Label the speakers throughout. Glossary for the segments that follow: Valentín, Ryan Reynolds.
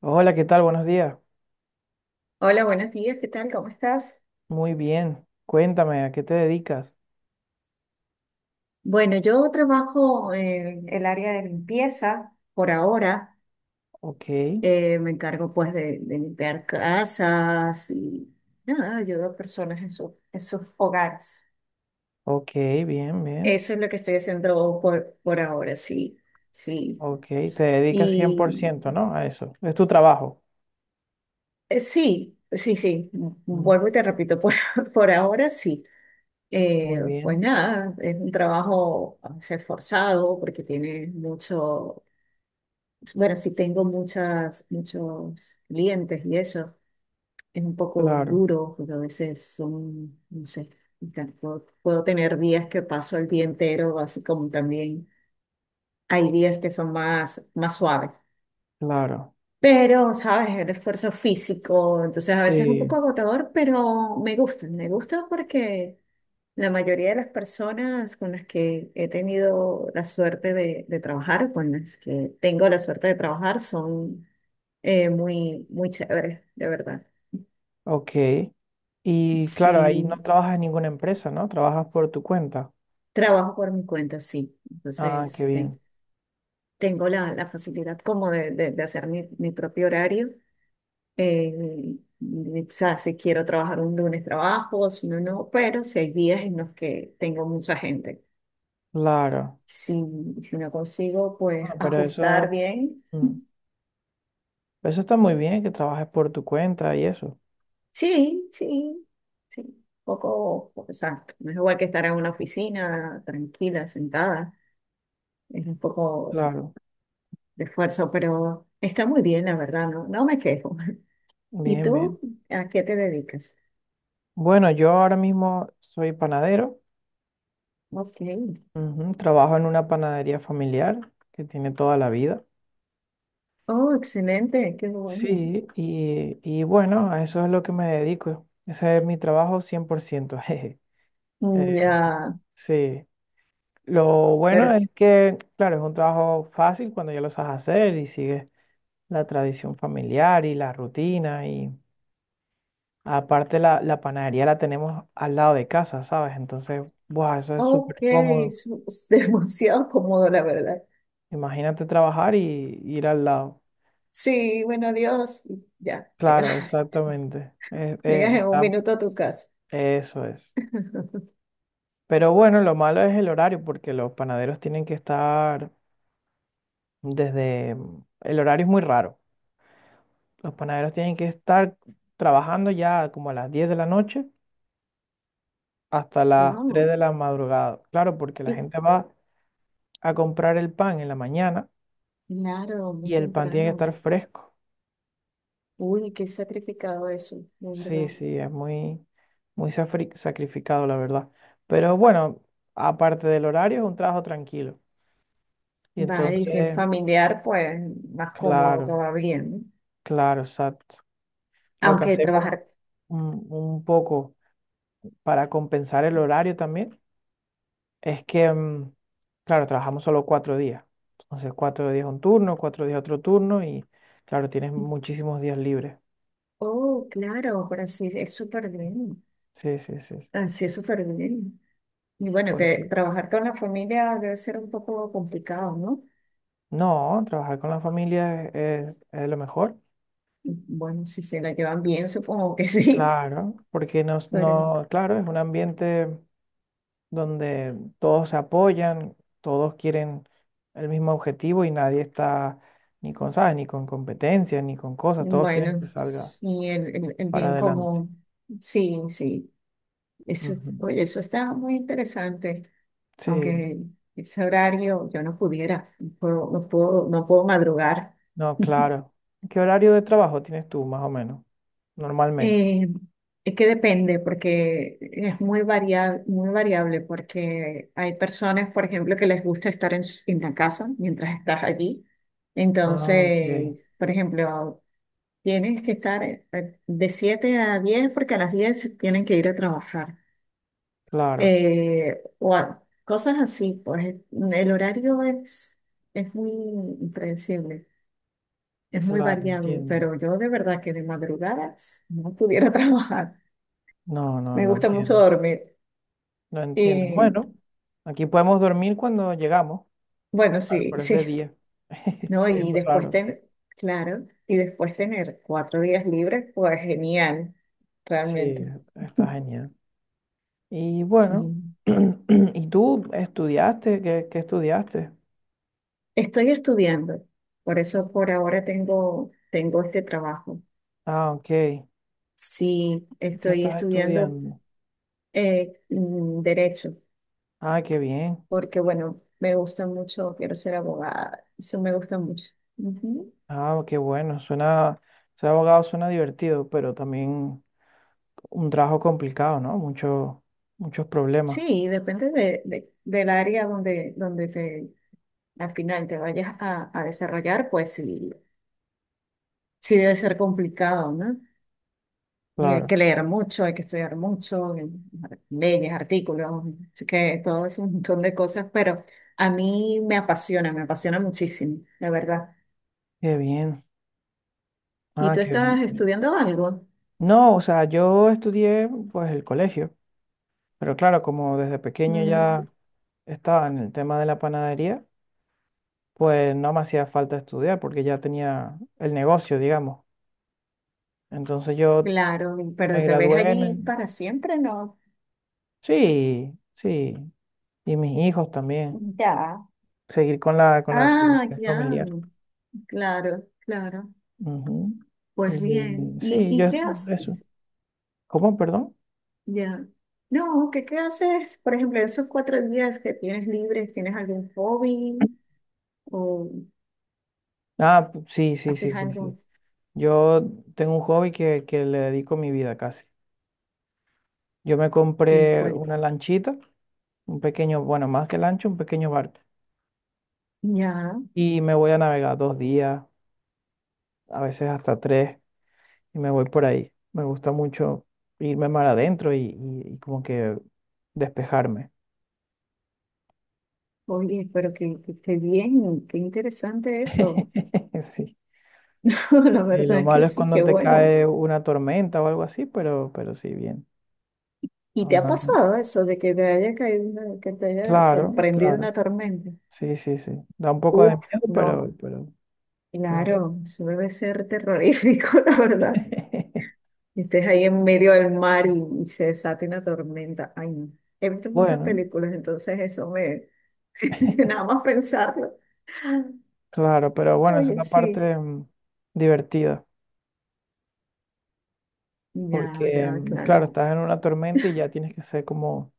Speaker 1: Hola, ¿qué tal? Buenos días.
Speaker 2: Hola, buenos días, ¿qué tal? ¿Cómo estás?
Speaker 1: Muy bien. Cuéntame, ¿a qué te dedicas?
Speaker 2: Bueno, yo trabajo en el área de limpieza por ahora.
Speaker 1: Ok,
Speaker 2: Me encargo pues de limpiar casas y nada, ayudo a personas en sus hogares.
Speaker 1: ok, bien, bien.
Speaker 2: Eso es lo que estoy haciendo por ahora, sí, sí.
Speaker 1: Ok, te dedicas cien por
Speaker 2: Y
Speaker 1: ciento, ¿no? A eso. Es tu trabajo.
Speaker 2: sí, sí, sí,
Speaker 1: Mm,
Speaker 2: vuelvo y te repito, por, por ahora sí.
Speaker 1: muy
Speaker 2: Pues
Speaker 1: bien.
Speaker 2: nada, es un trabajo a veces forzado porque tiene mucho. Bueno, si tengo muchos clientes y eso es un poco
Speaker 1: Claro,
Speaker 2: duro, porque a veces son, no sé, puedo tener días que paso el día entero, así como también hay días que son más suaves.
Speaker 1: claro.
Speaker 2: Pero ¿sabes? El esfuerzo físico, entonces a veces es un
Speaker 1: Sí,
Speaker 2: poco agotador, pero me gusta porque la mayoría de las personas con las que he tenido la suerte de trabajar, con las que tengo la suerte de trabajar, son muy, muy chévere, de verdad.
Speaker 1: ok. Y claro, ahí no
Speaker 2: Sí,
Speaker 1: trabajas en ninguna empresa, ¿no? Trabajas por tu cuenta.
Speaker 2: trabajo por mi cuenta, sí.
Speaker 1: Ah, qué
Speaker 2: Entonces, este,
Speaker 1: bien.
Speaker 2: tengo la facilidad como de hacer mi propio horario. Y, o sea, si quiero trabajar un lunes, trabajo, si no, no, pero si hay días en los que tengo mucha gente.
Speaker 1: Claro.
Speaker 2: Si, si no consigo, pues
Speaker 1: Ah, pero
Speaker 2: ajustar
Speaker 1: eso,
Speaker 2: bien.
Speaker 1: mm, eso está muy bien, que trabajes por tu cuenta y eso.
Speaker 2: Sí, sí, sí. Un poco, exacto. No es igual que estar en una oficina tranquila, sentada. Es un poco
Speaker 1: Claro.
Speaker 2: de esfuerzo, pero está muy bien, la verdad, no, no me quejo. ¿Y
Speaker 1: Bien,
Speaker 2: tú
Speaker 1: bien.
Speaker 2: a qué te dedicas?
Speaker 1: Bueno, yo ahora mismo soy panadero.
Speaker 2: Ok.
Speaker 1: Ujú, trabajo en una panadería familiar que tiene toda la vida.
Speaker 2: Oh, excelente, qué bueno.
Speaker 1: Sí, y bueno, a eso es lo que me dedico. Ese es mi trabajo 100%. Jeje. Eh,
Speaker 2: Mm, ya,
Speaker 1: sí. Lo bueno
Speaker 2: pero,
Speaker 1: es que, claro, es un trabajo fácil cuando ya lo sabes hacer y sigues la tradición familiar y la rutina. Y aparte la panadería la tenemos al lado de casa, ¿sabes? Entonces, buah, eso es
Speaker 2: ok,
Speaker 1: súper cómodo.
Speaker 2: es demasiado cómodo, la verdad.
Speaker 1: Imagínate trabajar y ir al lado.
Speaker 2: Sí, bueno, adiós. Y ya, llegas,
Speaker 1: Claro, exactamente.
Speaker 2: llegas en un minuto a tu casa.
Speaker 1: Eso es. Pero bueno, lo malo es el horario, porque los panaderos tienen que estar el horario es muy raro. Los panaderos tienen que estar trabajando ya como a las 10 de la noche hasta las 3
Speaker 2: Wow,
Speaker 1: de la madrugada. Claro, porque la
Speaker 2: qué
Speaker 1: gente va a comprar el pan en la mañana
Speaker 2: claro, muy
Speaker 1: y el pan tiene que
Speaker 2: temprano.
Speaker 1: estar fresco.
Speaker 2: Uy, qué sacrificado eso, de
Speaker 1: Sí,
Speaker 2: verdad.
Speaker 1: sí, es muy, sacrificado, la verdad. Pero bueno, aparte del horario, es un trabajo tranquilo. Y
Speaker 2: Vale, y si es
Speaker 1: entonces...
Speaker 2: familiar, pues más cómodo
Speaker 1: Claro,
Speaker 2: todavía, ¿no?
Speaker 1: claro, exacto. Lo que
Speaker 2: Aunque
Speaker 1: hacemos
Speaker 2: trabajar.
Speaker 1: un poco para compensar el horario también es que, claro, trabajamos solo cuatro días. Entonces, cuatro días un turno, cuatro días otro turno y, claro, tienes muchísimos días libres.
Speaker 2: Oh, claro, pero sí, es súper bien.
Speaker 1: Sí, sí, sí, sí,
Speaker 2: Así es súper bien. Y bueno,
Speaker 1: por eso.
Speaker 2: que trabajar con la familia debe ser un poco complicado, ¿no?
Speaker 1: No, trabajar con la familia es lo mejor.
Speaker 2: Bueno, si se la llevan bien, supongo que sí.
Speaker 1: Claro, porque nos,
Speaker 2: Pero
Speaker 1: no, claro, es un ambiente donde todos se apoyan, todos quieren el mismo objetivo y nadie está ni con, ¿sabes? Ni con competencia, ni con cosas, todos quieren
Speaker 2: bueno,
Speaker 1: que salga
Speaker 2: sí, el
Speaker 1: para
Speaker 2: bien
Speaker 1: adelante.
Speaker 2: común. Sí, sí. Eso,
Speaker 1: Ujú.
Speaker 2: oye, eso está muy interesante.
Speaker 1: Sí,
Speaker 2: Aunque ese horario yo no pudiera, no puedo, no puedo, no puedo madrugar.
Speaker 1: no, claro. ¿Qué horario de trabajo tienes tú, más o menos, normalmente?
Speaker 2: Eh, es que depende, porque es muy variable, porque hay personas, por ejemplo, que les gusta estar en la casa mientras estás allí.
Speaker 1: Ah, ok,
Speaker 2: Entonces, por ejemplo, tienes que estar de 7 a 10 porque a las 10 tienen que ir a trabajar.
Speaker 1: claro,
Speaker 2: O cosas así, pues el horario es muy impredecible, es muy
Speaker 1: claro,
Speaker 2: variable,
Speaker 1: entiendo.
Speaker 2: pero yo de verdad que de madrugadas no pudiera trabajar.
Speaker 1: No, no,
Speaker 2: Me
Speaker 1: lo
Speaker 2: gusta mucho
Speaker 1: entiendo,
Speaker 2: dormir.
Speaker 1: lo entiendo.
Speaker 2: Y
Speaker 1: Bueno, aquí podemos dormir cuando llegamos,
Speaker 2: bueno,
Speaker 1: claro,
Speaker 2: sí,
Speaker 1: pero es
Speaker 2: sí,
Speaker 1: de día.
Speaker 2: ¿no?
Speaker 1: Es
Speaker 2: Y
Speaker 1: lo
Speaker 2: después
Speaker 1: raro.
Speaker 2: tener, claro, y después tener 4 días libres, pues genial,
Speaker 1: Sí,
Speaker 2: realmente.
Speaker 1: está genial. Y
Speaker 2: Sí.
Speaker 1: bueno, ¿y tú estudiaste? ¿Qué, qué estudiaste?
Speaker 2: Estoy estudiando, por eso por ahora tengo, tengo este trabajo.
Speaker 1: Ah, ok. ¿Qué
Speaker 2: Sí, estoy
Speaker 1: estás
Speaker 2: estudiando
Speaker 1: estudiando?
Speaker 2: derecho,
Speaker 1: Ah, qué bien.
Speaker 2: porque bueno, me gusta mucho, quiero ser abogada, eso me gusta mucho. Ujú.
Speaker 1: Ah, qué bueno. Suena, ser abogado suena divertido, pero también un trabajo complicado, ¿no? Mucho, muchos problemas.
Speaker 2: Sí, depende del área donde, donde te al final te vayas a desarrollar, pues sí, sí debe ser complicado, ¿no? Y hay
Speaker 1: Claro.
Speaker 2: que leer mucho, hay que estudiar mucho, leyes, artículos, así que todo es un montón de cosas, pero a mí me apasiona muchísimo, la verdad.
Speaker 1: Qué bien.
Speaker 2: ¿Y
Speaker 1: Ah,
Speaker 2: tú
Speaker 1: qué
Speaker 2: estás
Speaker 1: bien.
Speaker 2: estudiando algo?
Speaker 1: No, o sea, yo estudié pues el colegio, pero claro, como desde pequeño
Speaker 2: Mm,
Speaker 1: ya estaba en el tema de la panadería, pues no me hacía falta estudiar porque ya tenía el negocio, digamos. Entonces yo
Speaker 2: claro,
Speaker 1: me
Speaker 2: pero te ves
Speaker 1: gradué en
Speaker 2: allí
Speaker 1: el...
Speaker 2: para siempre, ¿no?
Speaker 1: Sí, sí. Y mis hijos también.
Speaker 2: Ya.
Speaker 1: Seguir con la
Speaker 2: Ah,
Speaker 1: tradición
Speaker 2: ya,
Speaker 1: familiar.
Speaker 2: claro, claro.
Speaker 1: Ujú.
Speaker 2: Pues
Speaker 1: Y
Speaker 2: bien.
Speaker 1: sí,
Speaker 2: Y
Speaker 1: yo
Speaker 2: qué
Speaker 1: eso.
Speaker 2: haces?
Speaker 1: ¿Cómo, perdón?
Speaker 2: Ya. No, ¿qué, qué haces? Por ejemplo, esos 4 días que tienes libres, ¿tienes algún hobby o
Speaker 1: Ah, sí, sí, sí,
Speaker 2: haces
Speaker 1: sí, sí.
Speaker 2: algo?
Speaker 1: Yo tengo un hobby que le dedico mi vida casi. Yo me
Speaker 2: ¿Que
Speaker 1: compré
Speaker 2: cual?
Speaker 1: una lanchita, un pequeño, bueno, más que lancha, un pequeño barco.
Speaker 2: Ya,
Speaker 1: Y me voy a navegar dos días, a veces hasta tres. Y me voy por ahí. Me gusta mucho irme mar adentro y como que despejarme.
Speaker 2: oye, pero que, qué bien, qué interesante eso.
Speaker 1: Sí.
Speaker 2: La
Speaker 1: Y lo
Speaker 2: verdad que
Speaker 1: malo es
Speaker 2: sí,
Speaker 1: cuando
Speaker 2: qué
Speaker 1: te
Speaker 2: bueno.
Speaker 1: cae una tormenta o algo así, pero sí, bien.
Speaker 2: ¿Y te ha
Speaker 1: Normalmente...
Speaker 2: pasado eso de que te haya caído, que te haya
Speaker 1: Claro,
Speaker 2: sorprendido una
Speaker 1: claro.
Speaker 2: tormenta?
Speaker 1: Sí, sí, sí. Da un poco de
Speaker 2: Uf,
Speaker 1: miedo,
Speaker 2: no,
Speaker 1: pero bueno.
Speaker 2: claro, eso debe ser terrorífico, la verdad. Y estés ahí en medio del mar y se desata una tormenta. Ay, no. He visto muchas
Speaker 1: Bueno,
Speaker 2: películas, entonces eso me... Nada más pensarlo.
Speaker 1: claro, pero bueno, esa es
Speaker 2: Oye,
Speaker 1: la
Speaker 2: sí.
Speaker 1: parte divertida,
Speaker 2: Ya,
Speaker 1: porque
Speaker 2: ya, claro.
Speaker 1: claro, estás en una tormenta y ya tienes que ser como,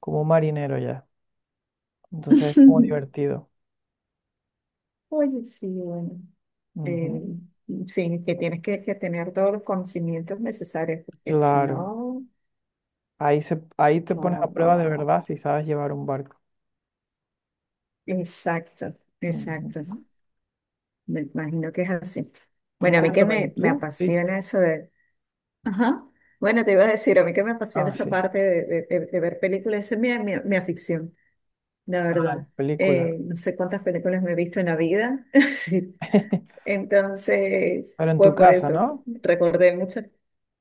Speaker 1: como un marinero ya. Entonces es como divertido.
Speaker 2: Oye, sí, bueno.
Speaker 1: Ujú.
Speaker 2: Eh, sí, que tienes que tener todos los conocimientos necesarios, porque si
Speaker 1: Claro,
Speaker 2: no,
Speaker 1: ahí te pones a
Speaker 2: no, no,
Speaker 1: prueba
Speaker 2: no,
Speaker 1: de
Speaker 2: no.
Speaker 1: verdad si sabes llevar un barco.
Speaker 2: Exacto, exacto.
Speaker 1: Ujú.
Speaker 2: Me imagino que es así.
Speaker 1: Y
Speaker 2: Bueno, a mí que
Speaker 1: cuéntame, ¿y
Speaker 2: me
Speaker 1: tú? Sí.
Speaker 2: apasiona eso. Ajá. Bueno, te iba a decir, a mí que me apasiona
Speaker 1: Ah,
Speaker 2: esa
Speaker 1: sí.
Speaker 2: parte de ver películas, esa es mi afición, la
Speaker 1: Ah,
Speaker 2: verdad.
Speaker 1: las películas.
Speaker 2: No sé cuántas películas me he visto en la vida, sí. Entonces,
Speaker 1: Pero en
Speaker 2: pues
Speaker 1: tu
Speaker 2: por
Speaker 1: casa,
Speaker 2: eso,
Speaker 1: ¿no?
Speaker 2: recordé mucho.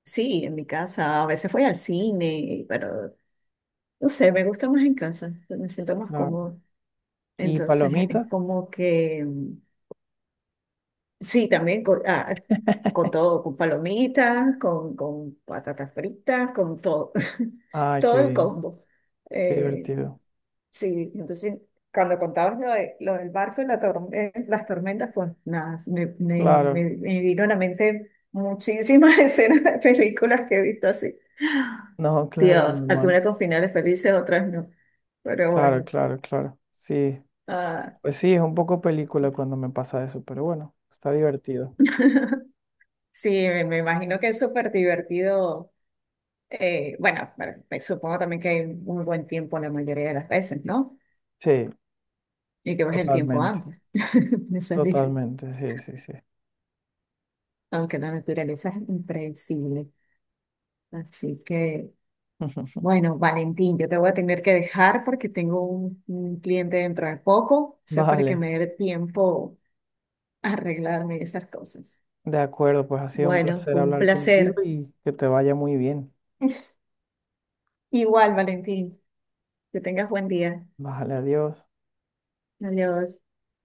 Speaker 2: Sí, en mi casa, a veces voy al cine, pero no sé, me gusta más en casa, me siento más
Speaker 1: Claro.
Speaker 2: cómodo.
Speaker 1: ¿Y
Speaker 2: Entonces, es
Speaker 1: palomitas?
Speaker 2: como que... Sí, también con, ah, con todo, con palomitas, con patatas fritas, con todo,
Speaker 1: Ay, qué
Speaker 2: todo el
Speaker 1: bien,
Speaker 2: combo.
Speaker 1: qué
Speaker 2: Eh,
Speaker 1: divertido.
Speaker 2: sí, entonces cuando contabas lo del barco y la las tormentas, pues nada,
Speaker 1: Claro,
Speaker 2: me vino a la mente muchísimas escenas de películas que he visto así.
Speaker 1: no, claro,
Speaker 2: Dios,
Speaker 1: normal.
Speaker 2: algunas con finales felices, otras no. Pero
Speaker 1: Claro,
Speaker 2: bueno,
Speaker 1: claro, claro. Sí,
Speaker 2: ah,
Speaker 1: pues sí, es un poco película cuando me pasa eso, pero bueno, está divertido.
Speaker 2: sí, me imagino que es súper divertido. Bueno, pero me supongo también que hay un buen tiempo la mayoría de las veces, ¿no?
Speaker 1: Sí,
Speaker 2: Y que ves el tiempo
Speaker 1: totalmente,
Speaker 2: antes de salir,
Speaker 1: totalmente, sí, sí, sí.
Speaker 2: aunque la naturaleza es impredecible. Así que, bueno, Valentín, yo te voy a tener que dejar porque tengo un cliente dentro de poco. Eso es para que
Speaker 1: Vale.
Speaker 2: me dé tiempo a arreglarme esas cosas.
Speaker 1: De acuerdo, pues ha sido un
Speaker 2: Bueno,
Speaker 1: placer
Speaker 2: fue un
Speaker 1: hablar contigo
Speaker 2: placer.
Speaker 1: y que te vaya muy bien.
Speaker 2: Igual, Valentín, que tengas buen día.
Speaker 1: Bájale, adiós.
Speaker 2: Adiós.